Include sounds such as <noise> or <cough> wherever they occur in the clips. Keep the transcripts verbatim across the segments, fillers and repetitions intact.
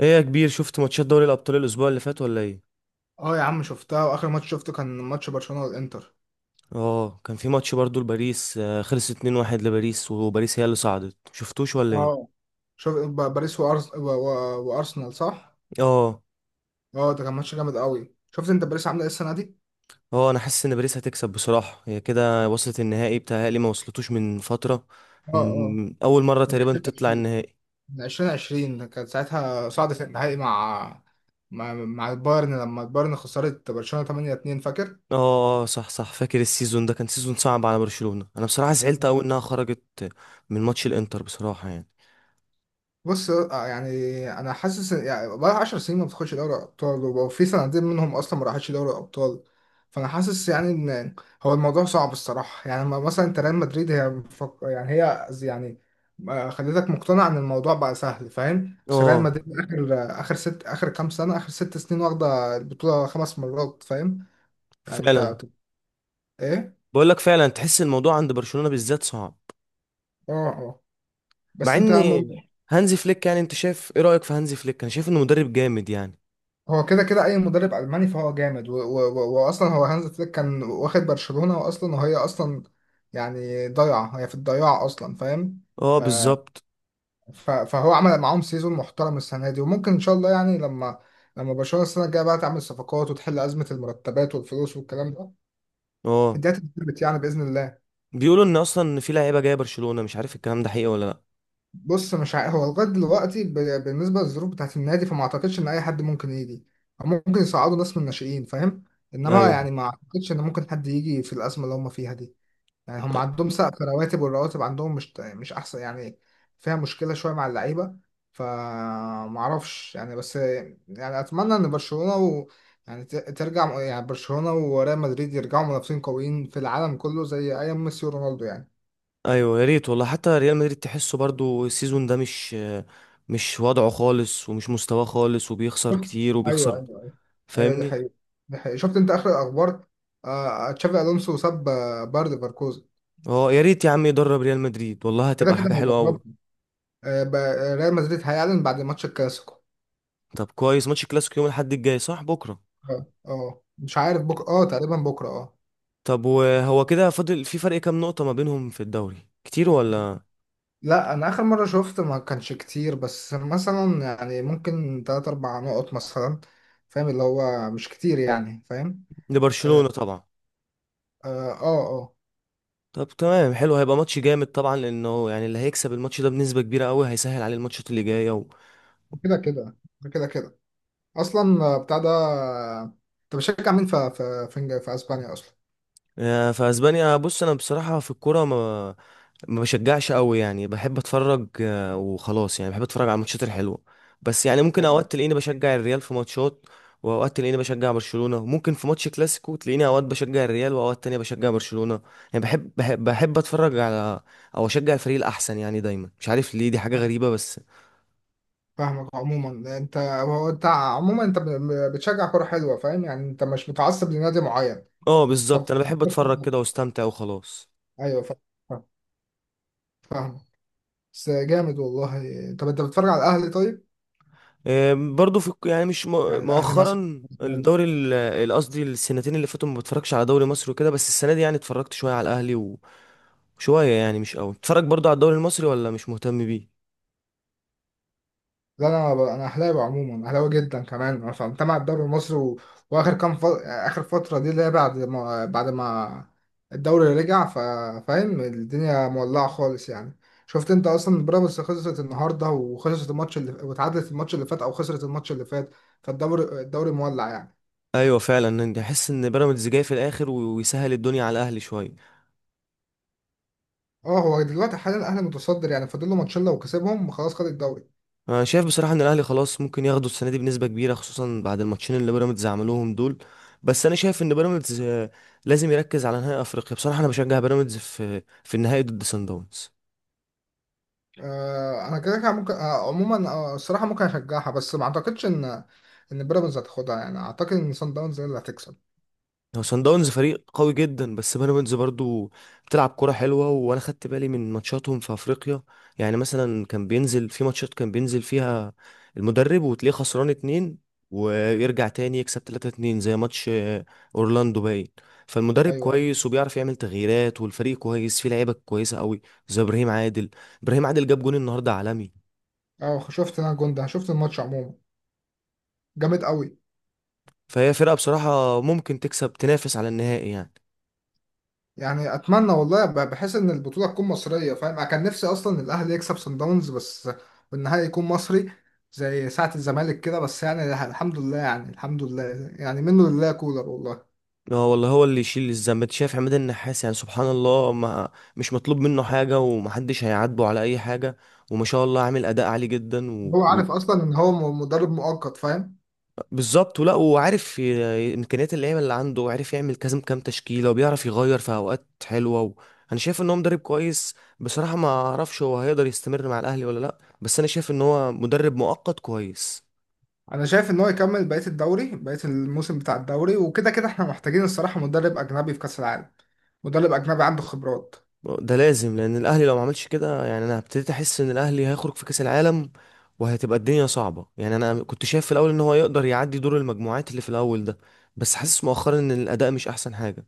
ايه يا كبير، شفت ماتشات دوري الابطال الاسبوع اللي فات ولا ايه؟ اه يا عم، شفتها. واخر ماتش شفته كان ماتش برشلونة والانتر. اه، كان في ماتش برضو لباريس، آه، خلص اتنين واحد لباريس. وباريس هي اللي صعدت، شفتوش ولا ايه؟ اه، شوف، ب- باريس وأرس... و... و... وارسنال، صح. اه اه، ده كان ماتش جامد قوي. شفت انت باريس عامله ايه السنه دي؟ اه، انا حاسس ان باريس هتكسب بصراحة. هي كده وصلت النهائي، بتهيألي ما وصلتوش من فترة، اه اه، من اول مرة من تقريبا تطلع ألفين وعشرين، النهائي. من ألفين وعشرين كانت ساعتها صعدت النهائي مع مع, مع البايرن، لما البايرن خسرت برشلونة تمانية اتنين، فاكر؟ اه. آه، صح صح، فاكر السيزون ده كان سيزون صعب على برشلونة. انا بصراحة زعلت قوي انها خرجت من ماتش الانتر بصراحة يعني. بص، آه، آه، يعني انا حاسس إن- يعني بقى 10 سنين ما بتاخدش دوري ابطال، وفي سنتين منهم اصلا ما راحتش دوري ابطال. فانا حاسس يعني ان هو الموضوع صعب الصراحه، يعني ما- مثلا انت ريال مدريد هي مفك... يعني هي زي- يعني آه، خلتك مقتنع ان الموضوع بقى سهل، فاهم؟ بس ريال اه مدريد اخر اخر ست اخر كام سنه اخر ست سنين واخده البطوله خمس مرات، فاهم يعني انت؟ فعلا. ايه، بقول لك فعلا تحس الموضوع عند برشلونة بالذات صعب، اه اه. مع بس انت ان م- هانزي فليك، يعني انت شايف ايه رأيك في هانزي فليك؟ انا شايف انه مدرب جامد يعني. هو كده كده اي مدرب الماني فهو جامد و- و- و- واصلا هو هانز فليك كان واخد برشلونة، واصلا وهي اصلا يعني ضايعة، هي في الضياع اصلا، فاهم؟ اه آه، بالظبط. ف- فهو عمل معاهم سيزون محترم السنة دي، وممكن ان شاء الله يعني لما لما برشلونة السنة الجاية بقى تعمل صفقات وتحل أزمة المرتبات والفلوس والكلام ده، اه، الدنيا تتظبط يعني بإذن الله. بيقولوا ان اصلا ان في لعيبه جايه برشلونة، مش عارف الكلام ده حقيقي ولا لا. بص مش عارف، هو لغايه دلوقتي ب- بالنسبه للظروف بتاعت النادي، فما اعتقدش ان اي حد ممكن يجي، او ممكن يصعدوا ناس من الناشئين، فاهم؟ انما ايوه. يعني ما اعتقدش ان ممكن حد يجي في الازمه اللي هم فيها دي. يعني هم عندهم سقف رواتب، والرواتب عندهم مش مش احسن يعني، فيها مشكله شويه مع اللعيبه. فما اعرفش يعني، بس يعني اتمنى ان برشلونه و يعني ت- ترجع يعني برشلونه وريال مدريد يرجعوا منافسين قويين في العالم كله زي ايام ميسي ورونالدو يعني. ايوه يا ريت والله. حتى ريال مدريد تحسه برضو السيزون ده مش مش وضعه خالص، ومش مستواه خالص، وبيخسر شفت؟ كتير ايوه وبيخسر. ايوه ايوه. ايوه دي فاهمني؟ حقيقة، دي حقيقة. شفت انت اخر الاخبار؟ آه آه، تشافي الونسو ساب آه، باير ليفركوزن. اه، يا ريت يا عم يدرب ريال مدريد، والله كده هتبقى كده حاجة حلوة قوي. هيدربهم. آه بقى- ريال مدريد هيعلن بعد ماتش الكلاسيكو. طب كويس، ماتش كلاسيكو يوم الاحد الجاي صح، بكرة؟ اه اه، مش عارف بكره، اه تقريبا بكره اه. طب وهو كده، فاضل في فرق كام نقطة ما بينهم في الدوري، كتير ولا؟ لا انا اخر مره شفت ما كانش كتير، بس مثلا يعني ممكن تلات اربع نقط مثلا، فاهم، اللي هو مش كتير يعني، فاهم. لبرشلونة طبعا. اه اه، آه. طب تمام حلو، هيبقى ماتش جامد طبعا، لانه يعني اللي هيكسب الماتش ده بنسبة كبيرة قوي هيسهل عليه الماتشات اللي جاية و. كده كده، كده كده. اصلا آه، بتاع ده، آه، انت بتشجع مين في في في, في اسبانيا اصلا؟ آه، فاسبانيا بص، انا بصراحة في الكورة ما ما بشجعش قوي. يعني بحب اتفرج آه، وخلاص، يعني بحب اتفرج على الماتشات الحلوة. بس يعني ممكن أيوة. اوقات تلاقيني بشجع الريال في ماتشات، واوقات تلاقيني بشجع برشلونة. ممكن في ماتش كلاسيكو تلاقيني اوقات بشجع الريال، واوقات تانية بشجع برشلونة. يعني بحب بحب, بحب اتفرج على، او اشجع الفريق الاحسن يعني دايما. مش عارف ليه، دي حاجة غريبة بس. فاهمك. عموما انت، هو انت عموما انت ب- بتشجع كرة حلوة، فاهم يعني، انت مش متعصب لنادي معين. اه طب، بالظبط، انا بحب اتفرج كده واستمتع وخلاص. <laughs> ايوه فاهم، فاهم، فاهم. بس جامد والله. طب انت بتتفرج على الاهلي طيب؟ آه، برضو في الك- يعني مش يعني م- الاهلي مثلا. مؤخرا الدوري ال- ال- قصدي السنتين اللي فاتوا ما بتفرجش على دوري مصر وكده، بس السنه دي يعني اتفرجت شويه على الاهلي و- وشويه، يعني مش قوي. اتفرج برضو على الدوري المصري، ولا مش مهتم بيه. لا انا، انا اهلاوي عموما، اهلاوي جدا كمان، عشان تابع الدوري المصري، و... واخر كام ف... اخر فتره دي، اللي هي بعد ما بعد ما الدوري رجع، ف... فاهم، الدنيا مولعه خالص يعني. شفت انت اصلا بيراميدز خسرت النهارده، وخسرت الماتش اللي، وتعادلت الماتش اللي فات او خسرت الماتش اللي فات، فالدوري الدوري مولع يعني. ايوه فعلا، احس ان بيراميدز جاي في الاخر و- ويسهل الدنيا على الاهلي شويه. اه هو دلوقتي حاليا الاهلي متصدر يعني، فاضل له ماتشين لو كسبهم خلاص خد الدوري. انا شايف بصراحه ان الاهلي خلاص ممكن ياخدوا السنه دي بنسبه كبيره، خصوصا بعد الماتشين اللي بيراميدز عملوهم دول. بس انا شايف ان بيراميدز آه، لازم يركز على نهائي افريقيا بصراحه. انا بشجع بيراميدز في في النهائي ضد سان داونز. آه، انا كده كده ممكن، آه، عموما آه، الصراحه ممكن اشجعها، بس ما اعتقدش ان ان بيراميدز هتاخدها يعني، اعتقد ان سان داونز هي اللي هتكسب. هو صن داونز فريق قوي جدا، بس بيراميدز برضو بتلعب كرة حلوة، وانا خدت بالي من ماتشاتهم في افريقيا. يعني مثلا، كان بينزل في ماتشات كان بينزل فيها المدرب وتلاقيه خسران اتنين، ويرجع تاني يكسب تلاتة اتنين. زي ماتش آه، اورلاندو باين. فالمدرب ايوه ايوه. كويس وبيعرف يعمل تغييرات، والفريق كويس فيه لعيبة كويسة قوي زي ابراهيم عادل. ابراهيم عادل جاب جون النهاردة عالمي. اه شفت، انا الجون ده شفت الماتش عموما، جامد قوي. فهي فرقة بصراحة ممكن تكسب، تنافس على النهائي يعني. يعني اتمنى والله، ب- بحس ان البطوله تكون مصريه، فاهم، انا كان نفسي اصلا الاهلي يكسب سان داونز، بس والنهائي يكون مصري، زي ساعه الزمالك كده، بس يعني الحمد لله، يعني الحمد لله. يعني منه لله كولر والله. اه والله، هو اللي يشيل الذنب. انت شايف عماد النحاس؟ يعني سبحان الله، ما مش مطلوب منه حاجة، ومحدش هيعاتبه على أي حاجة، وما شاء الله عامل أداء عالي جدا. و... هو و... عارف اصلا ان هو م- مدرب مؤقت، فاهم. بالظبط، ولا وعارف ي- إمكانيات اللعيبة اللي عنده، وعارف يعمل كذا كام تشكيلة، وبيعرف يغير في أوقات حلوة. و... أنا شايف إن هو مدرب كويس بصراحة. ما أعرفش هو هيقدر يستمر مع الأهلي ولا لأ، بس أنا شايف إن هو مدرب مؤقت كويس. انا شايف ان هو يكمل بقيه الدوري، بقيه الموسم بتاع الدوري، وكده كده احنا محتاجين الصراحه مدرب اجنبي في كاس العالم، مدرب اجنبي عنده خبرات. ده لازم، لان الاهلي لو ما عملش كده يعني انا ابتديت احس ان الاهلي هيخرج في كاس العالم، وهتبقى الدنيا صعبه يعني. انا كنت شايف في الاول ان هو يقدر يعدي دور المجموعات اللي في الاول ده، بس حاسس مؤخرا ان الاداء مش احسن حاجه.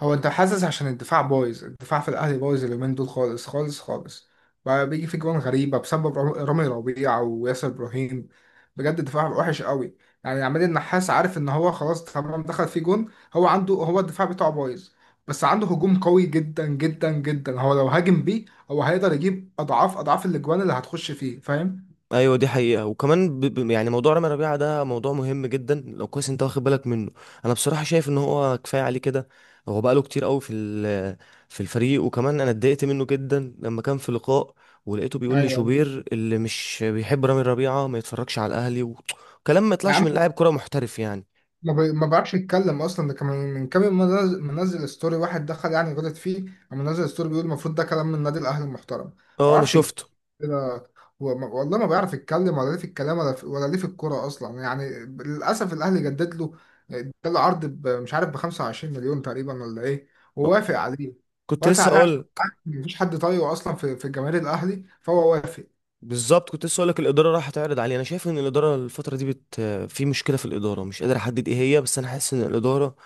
هو انت حاسس؟ عشان الدفاع بايظ، الدفاع في الاهلي بايظ اليومين دول خالص خالص خالص، بقى بيجي في جوان غريبه بسبب رام- رامي ربيعه وياسر ابراهيم. بجد الدفاع وحش قوي، يعني عماد النحاس عارف ان هو خلاص تمام دخل في جون. هو عنده، هو الدفاع بتاعه بايظ بس عنده هجوم قوي جدا جدا جدا. هو لو هاجم بيه، هو هيقدر يجيب اضعاف اضعاف الاجوان اللي هتخش فيه، فاهم. ايوه دي حقيقة. وكمان ب... ب... يعني موضوع رامي ربيعة ده موضوع مهم جدا، لو كويس انت واخد بالك منه. انا بصراحة شايف ان هو كفاية عليه كده. هو بقاله كتير قوي في ال... في الفريق، وكمان انا اتضايقت منه جدا لما كان في لقاء، ولقيته بيقول لي ايوه أيوة. شوبير اللي مش بيحب رامي ربيعة ما يتفرجش على الاهلي. وكلام ما يا يطلعش من عم، لاعب كرة محترف يعني. ما بي- ما بيعرفش يتكلم اصلا. ده كان من كام يوم منزل منزل ستوري، واحد دخل يعني غلط فيه، قام منزل ستوري بيقول المفروض ده كلام من نادي الاهلي المحترم، ما اه انا بيعرفش يتكلم شفته. كده. هو ما- والله ما بيعرف يتكلم، ولا ليه في الكلام، ولا في، ولا ليه في الكوره اصلا يعني. للاسف الاهلي جدد له، اداله عرض ب- مش عارف ب 25 مليون تقريبا ولا ايه، آه، ووافق عليه. كنت وافق لسه عليه عشان اقول. مفيش حد طايقه اصلا في في جماهير الاهلي، فهو وافق. بالظبط، كنت لسه اقول لك الاداره راح تعرض عليه. انا شايف ان الاداره الفتره دي بت، في مشكله في الاداره مش قادر احدد ايه هي، بس انا حاسس ان الاداره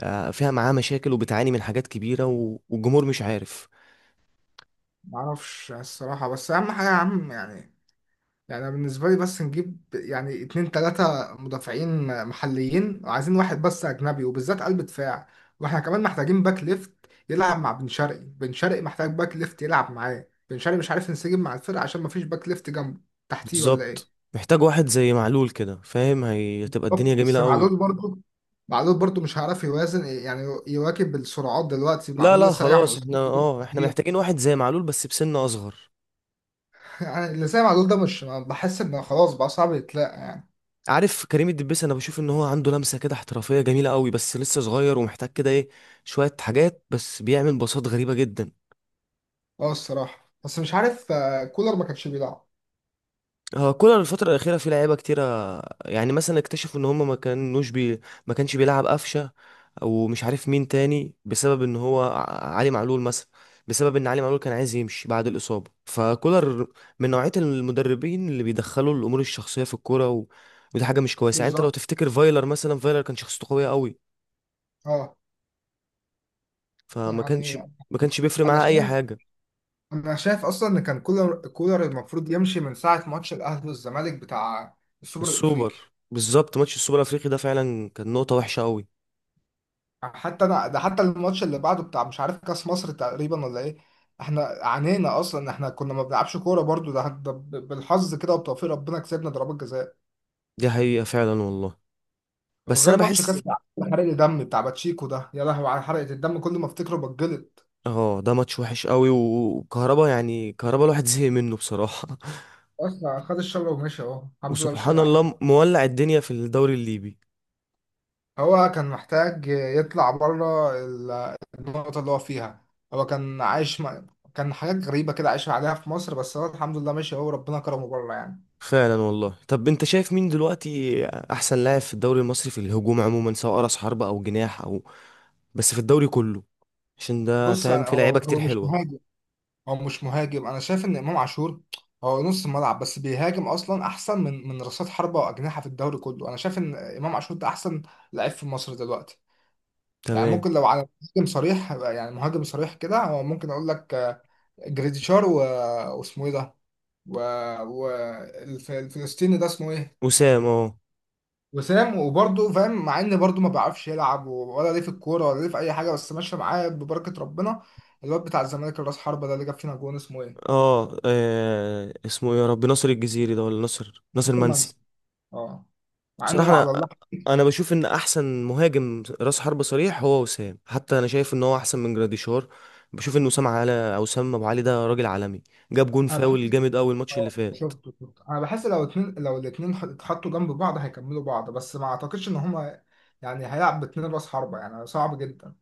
آه، فيها معاه مشاكل، وبتعاني من حاجات كبيرة و- والجمهور مش عارف. ما اعرفش الصراحه، بس اهم حاجه يا عم يعني، يعني أنا بالنسبة لي بس نجيب يعني اتنين تلاتة مدافعين محليين، وعايزين واحد بس أجنبي، وبالذات قلب دفاع. واحنا كمان محتاجين باك ليفت يلعب مع بن شرقي، بن شرقي محتاج باك ليفت يلعب معاه، بن شرقي مش عارف ينسجم مع الفرقة عشان مفيش باك ليفت جنبه، تحتيه ولا ايه. بالظبط، محتاج واحد زي معلول كده فاهم، هي- هتبقى الدنيا بالظبط. جميلة بس قوي. معلول برضه، معلول برضه مش هيعرف يوازن يعني، يواكب السرعات دلوقتي، لا معلول لا لسه راجع من خلاص، احنا أسلوب اه، احنا كبير. محتاجين واحد زي معلول بس بسن اصغر. <laughs> يعني اللي زي معلول ده مش بحس انه خلاص، بقى صعب يتلاقى. عارف كريم الدبيس؟ انا بشوف ان هو عنده لمسة كده احترافية جميلة قوي، بس لسه صغير، ومحتاج كده ايه، شوية حاجات. بس بيعمل باصات غريبة جدا. اه الصراحة، بس مش عارف آه، كولر ما كانش بيلعب. هو كولر الفترة الأخيرة في لعيبة كتيرة. يعني مثلا اكتشفوا إن هما ما كانوش بي ما كانش بيلعب قفشة، أو مش عارف مين تاني، بسبب إن هو ع- علي معلول مثلا. بسبب إن علي معلول كان عايز يمشي بعد الإصابة، فكولر من نوعية المدربين اللي بيدخلوا الأمور الشخصية في الكورة، و... ودي حاجة مش كويسة. يعني أنت لو بالظبط. تفتكر فايلر مثلا، فايلر كان شخصيته قوية قوي، اه فما كانش يعني ما كانش بيفرق انا معاه أي شايف حاجة. انا شايف اصلا ان كان كولر، كولر المفروض يمشي من ساعه ماتش الاهلي والزمالك بتاع السوبر السوبر. الافريقي. بالظبط، ماتش السوبر الأفريقي ده فعلا كان نقطة وحشة قوي. حتى انا ده، حتى الماتش اللي بعده بتاع مش عارف كاس مصر تقريبا ولا ايه، احنا عانينا اصلا، احنا كنا ما بنلعبش كوره برضو، ده, ده ب- بالحظ كده وبتوفيق ربنا كسبنا ضربات جزاء. دي حقيقة فعلا والله. بس وغير انا ماتش بحس. كاس العالم حرق الدم بتاع باتشيكو ده، يا لهوي على حرقه الدم، كل ما افتكره بتجلط. اه، ده ماتش وحش قوي و- وكهربا، يعني كهربا الواحد زهق منه بصراحة. اصلا خد الشبكه ومشي، اهو <laughs> الحمد لله مش وسبحان راجع تاني. الله مولع الدنيا في الدوري الليبي. هو كان محتاج يطلع بره ال- النقطة اللي هو فيها. هو كان عايش م... كان حاجات غريبة كده عايش عليها في مصر، بس هو الحمد لله ماشي، هو ربنا كرمه بره يعني. فعلا والله. طب انت شايف مين دلوقتي احسن لاعب في الدوري المصري في الهجوم عموما، سواء راس حربة او جناح او، بس في الدوري كله، عشان ده بص أنا- فاهم في هو لعيبة كتير هو مش حلوة. مهاجم. هو مش مهاجم أنا شايف إن إمام عاشور هو نص ملعب بس بيهاجم أصلا أحسن من من رأسات حربة وأجنحة في الدوري كله. أنا شايف إن إمام عاشور ده أحسن لعيب في مصر دلوقتي. يعني تمام. ممكن لو على مهاجم صريح، يعني مهاجم صريح كده، هو ممكن أقول لك آه، جريديشار و... واسمه إيه ده، و... و... الف- الفلسطيني ده اسمه ايه، وسام، اه. وسام. وبرضه فاهم مع ان برضه ما بيعرفش يلعب ولا ليه في الكوره ولا ليه في اي حاجه، بس ماشيه معاه ببركه ربنا. الواد بتاع الزمالك الراس حربه ده، اللي جاب فينا جون، اسمه ايه؟ اه، آه، اسمه ايه؟ يا رب، ناصر الجزيري ده ولا ناصر ناصر منسي، منسي؟ اه. مع بصراحة انه أنا، على الله. أنا بشوف إن أحسن مهاجم رأس حربة صريح هو وسام، حتى أنا شايف إن هو أحسن من جراديشار. بشوف إن وسام على، أو وسام أبو علي، ده راجل عالمي، جاب جون انا بحس، فاول جامد أوي الماتش اللي اه <laughs> فات. شفته شفته انا بحس لو اتنين لو الاتنين ح- اتحطوا جنب بعض هيكملوا بعض، بس ما اعتقدش ان هما يعني هيلعب باتنين راس حربه، يعني صعب جدا.